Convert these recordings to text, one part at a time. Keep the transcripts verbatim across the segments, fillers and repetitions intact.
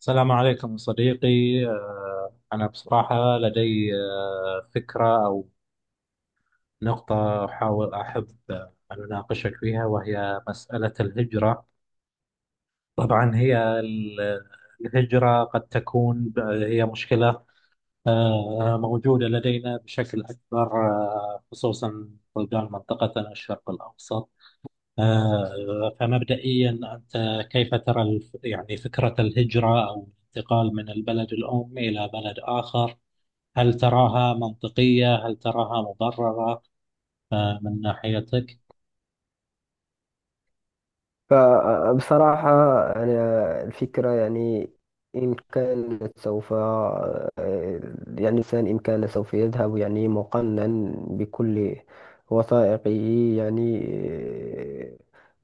السلام عليكم صديقي. آه، أنا بصراحة لدي آه، فكرة أو نقطة أحاول أحب آه، أن أناقشك فيها، وهي مسألة الهجرة. طبعا هي ال- الهجرة قد تكون ب- هي مشكلة آه، موجودة لدينا بشكل أكبر، آه، خصوصا بلدان منطقتنا الشرق الأوسط. آه، فمبدئيا أنت كيف ترى الف- يعني فكرة الهجرة أو الانتقال من البلد الأم إلى بلد آخر؟ هل تراها منطقية؟ هل تراها مبررة آه، من ناحيتك؟ فبصراحة أنا الفكرة يعني إن كان سوف يعني الإنسان إن كان سوف يذهب يعني مقنن بكل وثائقه، يعني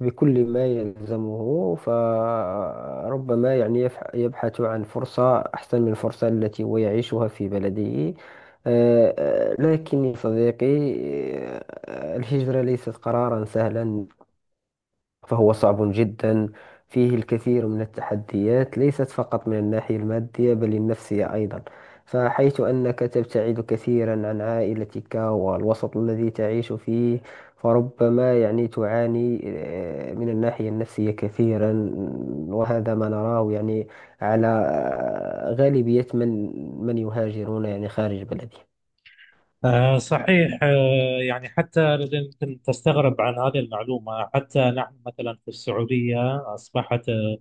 بكل ما يلزمه. فربما يعني يفح- يبحث عن فرصة أحسن من الفرصة التي هو يعيشها في بلده. آه، آه، لكن يا صديقي، آه، الهجرة ليست قرارا سهلا، فهو صعب جدا. فيه الكثير من التحديات، ليست فقط من الناحية المادية بل النفسية أيضا، فحيث أنك تبتعد كثيرا عن عائلتك والوسط الذي تعيش فيه، فربما يعني تعاني آه، من الناحية النفسية كثيرا. وهذا ما نراه يعني على آه، غالبية من من يهاجرون يعني خارج بلدهم. آه، صحيح. آه، يعني حتى يمكن تستغرب عن هذه المعلومة، حتى نحن مثلا في السعودية أصبحت آه،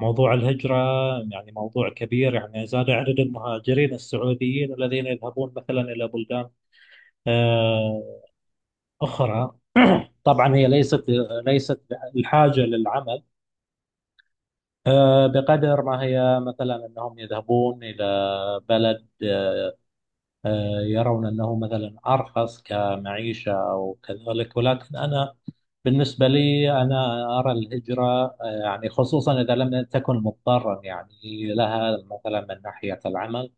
موضوع الهجرة يعني موضوع كبير. يعني زاد عدد المهاجرين السعوديين الذين يذهبون مثلا إلى بلدان آه، أخرى. طبعا هي ليست ليست الحاجة للعمل، آه، بقدر ما هي مثلا أنهم يذهبون إلى بلد آه، آه، يرون أنه مثلا أرخص كمعيشة أو كذلك. ولكن أنا بالنسبة لي أنا أرى الهجرة، آه، يعني خصوصا إذا لم تكن مضطرا يعني لها مثلا من ناحية العمل،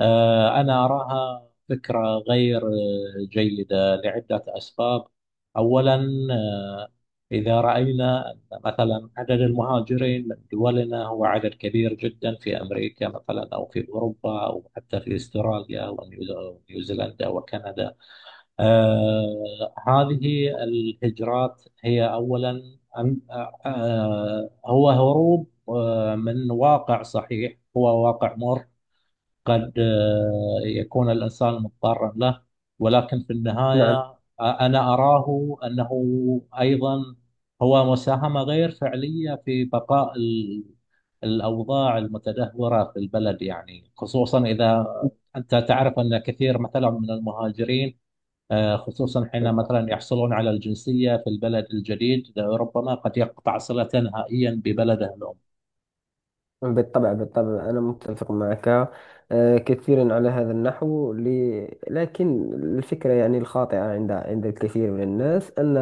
آه، أنا أراها فكرة غير آه، جيدة لعدة أسباب. أولا، آه، إذا رأينا أن مثلا عدد المهاجرين من دولنا هو عدد كبير جدا في أمريكا مثلا أو في أوروبا أو حتى في أستراليا ونيو- ونيوزيلندا وكندا، آه، هذه الهجرات هي أولا أن- آه، آه، هو هروب آه، من واقع. صحيح هو واقع مر، قد آه، يكون الإنسان مضطرا له، ولكن في النهاية نعم. آه، أنا أراه أنه أيضا هو مساهمة غير فعلية في بقاء ال- الأوضاع المتدهورة في البلد. يعني خصوصا إذا أنت تعرف أن كثير مثلا من المهاجرين، آه، خصوصا حين مثلا يحصلون على الجنسية في البلد الجديد، ربما قد يقطع صلة نهائيا ببلده الأم. بالطبع، بالطبع أنا متفق معك آه، كثيرا على هذا النحو. لي- لكن الفكرة يعني الخاطئة عند عند الكثير من الناس أن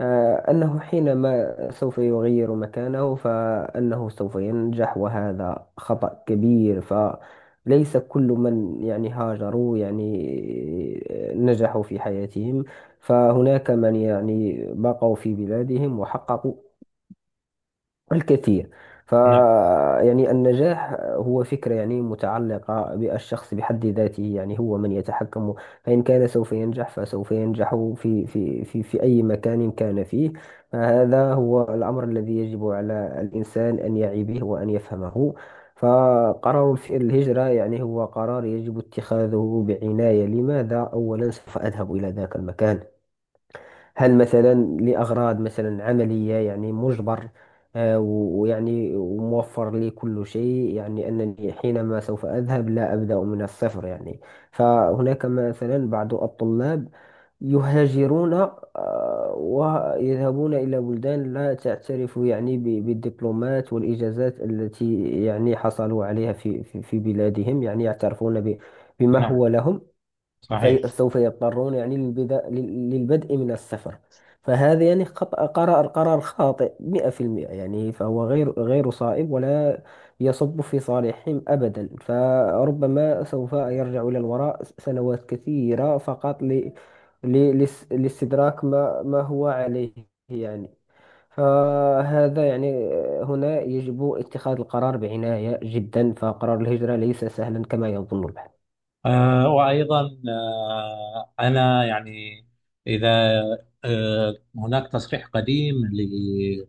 آه، أنه حينما سوف يغير مكانه فأنه سوف ينجح، وهذا خطأ كبير. فليس كل من يعني هاجروا يعني آه، نجحوا في حياتهم، فهناك من يعني بقوا في بلادهم وحققوا الكثير. ف نعم. يعني النجاح هو فكرة يعني متعلقة بالشخص بحد ذاته، يعني هو من يتحكم. فإن كان سوف ينجح فسوف ينجح في في في في أي مكان كان فيه. فهذا هو الأمر الذي يجب على الإنسان أن يعي به وأن يفهمه. فقرار الف- الهجرة يعني هو قرار يجب اتخاذه بعناية. لماذا أولا سوف أذهب إلى ذاك المكان؟ هل مثلا لأغراض مثلا عملية يعني مجبر، آه، و- ويعني وموفر لي كل شيء، يعني أنني حينما سوف أذهب لا أبدأ من الصفر. يعني فهناك مثلا بعض الطلاب يهاجرون آه، ويذهبون إلى بلدان لا تعترف يعني ب- بالدبلومات والإجازات التي يعني حصلوا عليها في في في بلادهم، يعني يعترفون ب- بما نعم. هو لهم. صحيح. فسوف يضطرون يعني للبدا... لل- للبدء من السفر. فهذا يعني خطأ، قرار قرار خاطئ مئة في المئة. يعني فهو غير غير صائب ولا يصب في صالحهم أبدا، فربما سوف يرجع إلى الوراء سنوات كثيرة فقط ل... ل... لس- لاستدراك ما ما هو عليه. يعني فهذا يعني هنا يجب اتخاذ القرار بعناية جدا، فقرار الهجرة ليس سهلا كما يظن البعض. آه وأيضا، آه أنا يعني إذا آه هناك تصريح قديم ل-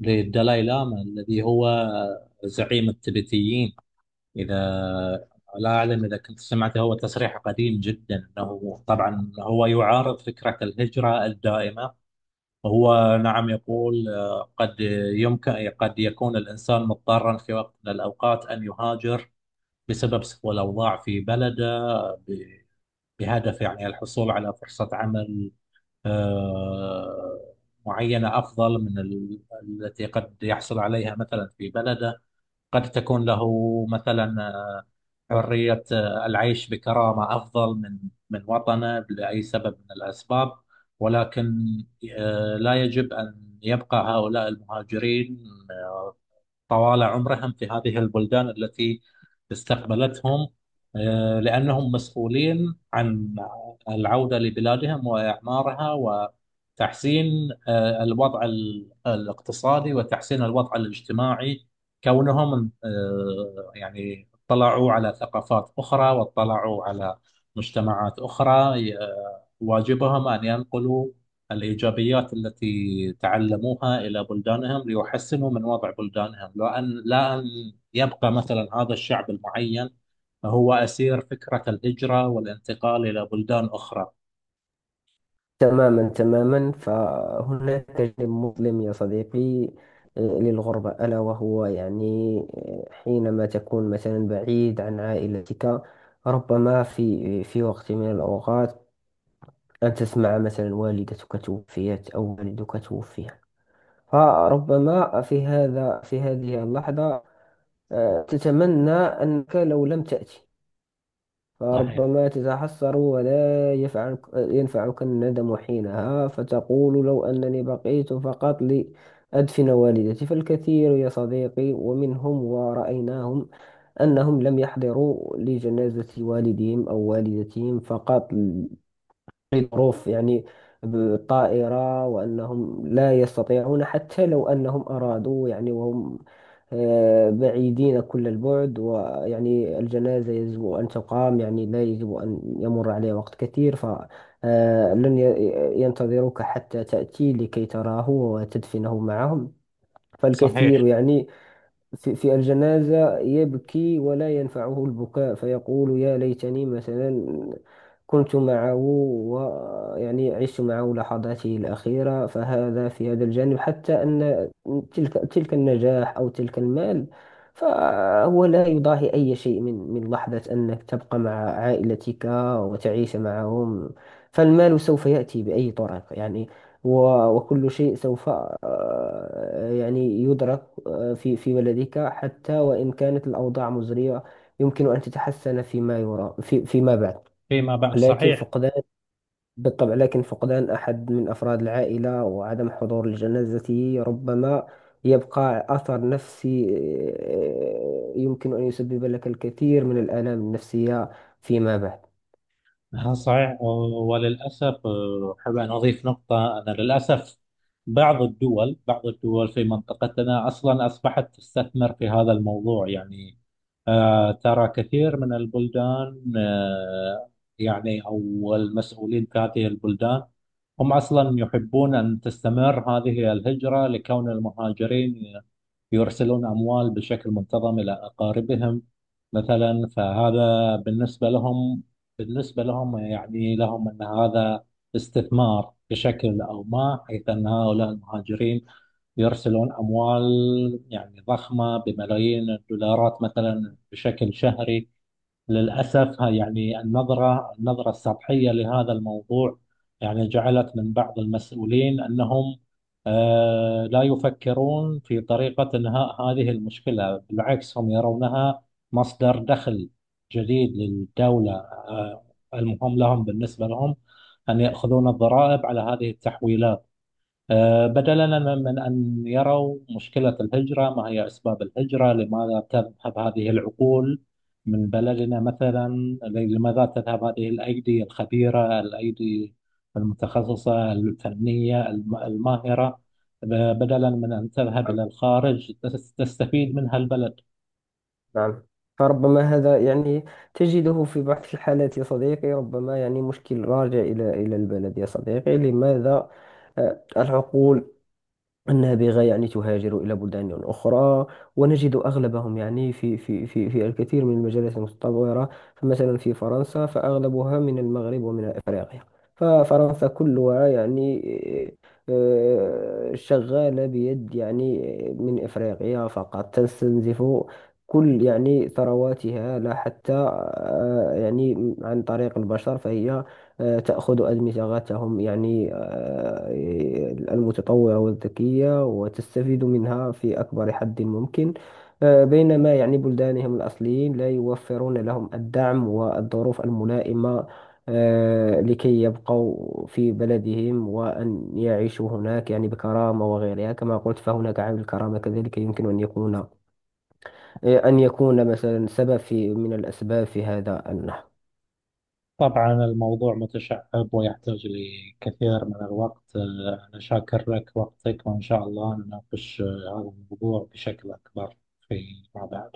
للدلاي لاما، الذي هو زعيم التبتيين. إذا لا أعلم إذا كنت سمعته، هو تصريح قديم جدا. أنه طبعا هو يعارض فكرة الهجرة الدائمة، وهو نعم يقول آه، قد يمكن قد يكون الإنسان مضطرا في وقت من الأوقات أن يهاجر بسبب سوء الأوضاع في بلده، بهدف يعني الحصول على فرصة عمل آه، معينة أفضل من ال- التي قد يحصل عليها مثلا في بلده. قد تكون له مثلا آه، حرية آه، العيش بكرامة أفضل من من وطنه لأي سبب من الأسباب. ولكن آه، لا يجب أن يبقى هؤلاء المهاجرين طوال عمرهم في هذه البلدان التي استقبلتهم، آه، لأنهم مسؤولين عن العودة لبلادهم وإعمارها وتحسين آه، الوضع ال- الاقتصادي وتحسين الوضع الاجتماعي. كونهم آه، يعني اطلعوا على ثقافات أخرى واطلعوا على مجتمعات أخرى، آه، واجبهم أن ينقلوا الإيجابيات التي تعلموها إلى بلدانهم ليحسنوا من وضع بلدانهم، لو أن، لا أن يبقى مثلا هذا الشعب المعين هو أسير فكرة الهجرة والانتقال إلى بلدان أخرى. تماما، تماما فهناك جانب مظلم يا صديقي، آه، للغربة، ألا وهو يعني آه، حينما تكون مثلا بعيد عن عائلتك، ربما في في وقت من الأوقات أن تسمع مثلا والدتك توفيت أو والدك توفي، فربما في هذا في هذه اللحظة آه، تتمنى أنك لو لم تأتي، صحيح. فربما تتحسر ولا يفعلك ينفعك الندم حينها، فتقول لو أنني بقيت فقط لأدفن والدتي. فالكثير يا صديقي، ومنهم ورأيناهم، أنهم لم يحضروا لجنازة والدهم أو والدتهم، فقط ظروف يعني بالطائرة، وأنهم لا يستطيعون حتى لو أنهم أرادوا، يعني وهم آه، بعيدين كل البعد. ويعني الجنازة يجب أن تقام، يعني لا يجب أن يمر عليه وقت كثير، فلن ينتظروك حتى تأتي لكي تراه وتدفنه معهم. فالكثير صحيح. يعني في, في الجنازة يبكي ولا ينفعه البكاء، فيقول يا ليتني مثلا كنت معه، ويعني عشت معه لحظاته الأخيرة. فهذا في هذا الجانب، حتى أن تلك تلك النجاح أو تلك المال فهو لا يضاهي أي شيء من من لحظة أنك تبقى مع عائلتك وتعيش معهم. فالمال سوف يأتي بأي طريقة يعني، و- وكل شيء سوف آه، يعني يدرك آه، في في بلدك. حتى وإن كانت الأوضاع مزرية، يمكن أن تتحسن فيما يرى في فيما بعد. فيما بعد. لكن صحيح. فقدان بالطبع، لكن فقدان أحد من أفراد العائلة وعدم حضور لجنازته ربما يبقى أثر نفسي، آه، يمكن أن يسبب لك الكثير من الآلام النفسية فيما بعد. ها، صحيح. و- وللأسف آه، أحب أن أضيف نقطة، أن للأسف بعض الدول بعض الدول في منطقتنا أصلا أصبحت تستثمر في هذا الموضوع. يعني آه، ترى كثير من البلدان، آه، يعني أو المسؤولين في هذه البلدان، هم أصلا يحبون أن تستمر هذه الهجرة لكون المهاجرين يرسلون أموال بشكل منتظم إلى أقاربهم مثلا. فهذا بالنسبة لهم، بالنسبة لهم يعني لهم أن هذا استثمار بشكل أو ما، حيث أن هؤلاء المهاجرين يرسلون أموال يعني ضخمة بملايين الدولارات مثلا بشكل شهري. للأسف ها- يعني النظرة النظرة السطحية لهذا الموضوع يعني جعلت من بعض المسؤولين أنهم آه، لا يفكرون في طريقة إنهاء هذه المشكلة. بالعكس، هم يرونها مصدر دخل جديد للدولة. آه، المهم لهم، بالنسبة لهم، أن يأخذون الضرائب على هذه التحويلات، آه، بدلا من أن يروا مشكلة الهجرة، ما هي أسباب الهجرة، لماذا تذهب هذه العقول من بلدنا مثلا، لماذا تذهب هذه الأيدي الخبيرة، الأيدي المتخصصة الفنية الم- الماهرة، ب- بدلا من أن تذهب إلى الخارج تس- تستفيد منها البلد. نعم، فربما هذا يعني تجده في بعض الحالات يا صديقي، ربما يعني مشكل راجع إلى إلى البلد. يا صديقي، لماذا آه، العقول النابغة يعني تهاجر إلى بلدان أخرى؟ ونجد أغلبهم يعني في في في في الكثير من المجالات المتطورة، فمثلا في فرنسا فأغلبها من المغرب ومن أفريقيا. ففرنسا كلها يعني آه، شغالة بيد يعني من أفريقيا. فقط تستنزف كل يعني ثرواتها، لا حتى آه، يعني عن طريق البشر، فهي آه، تأخذ أدمغتهم، يعني آه، المتطورة والذكية، وتستفيد منها في أكبر حد ممكن. آه، بينما يعني بلدانهم الأصليين لا يوفرون لهم الدعم والظروف الملائمة آه، لكي يبقوا في بلدهم وأن يعيشوا هناك يعني بكرامة وغيرها. كما قلت، فهناك عامل الكرامة كذلك، يمكن أن يكون آه، أن يكون مثلا سبب في من الأسباب في هذا النحو. طبعا الموضوع متشعب ويحتاج لكثير من الوقت. آه، أنا شاكر لك وقتك، وإن شاء الله نناقش آه، هذا الموضوع بشكل أكبر فيما بعد.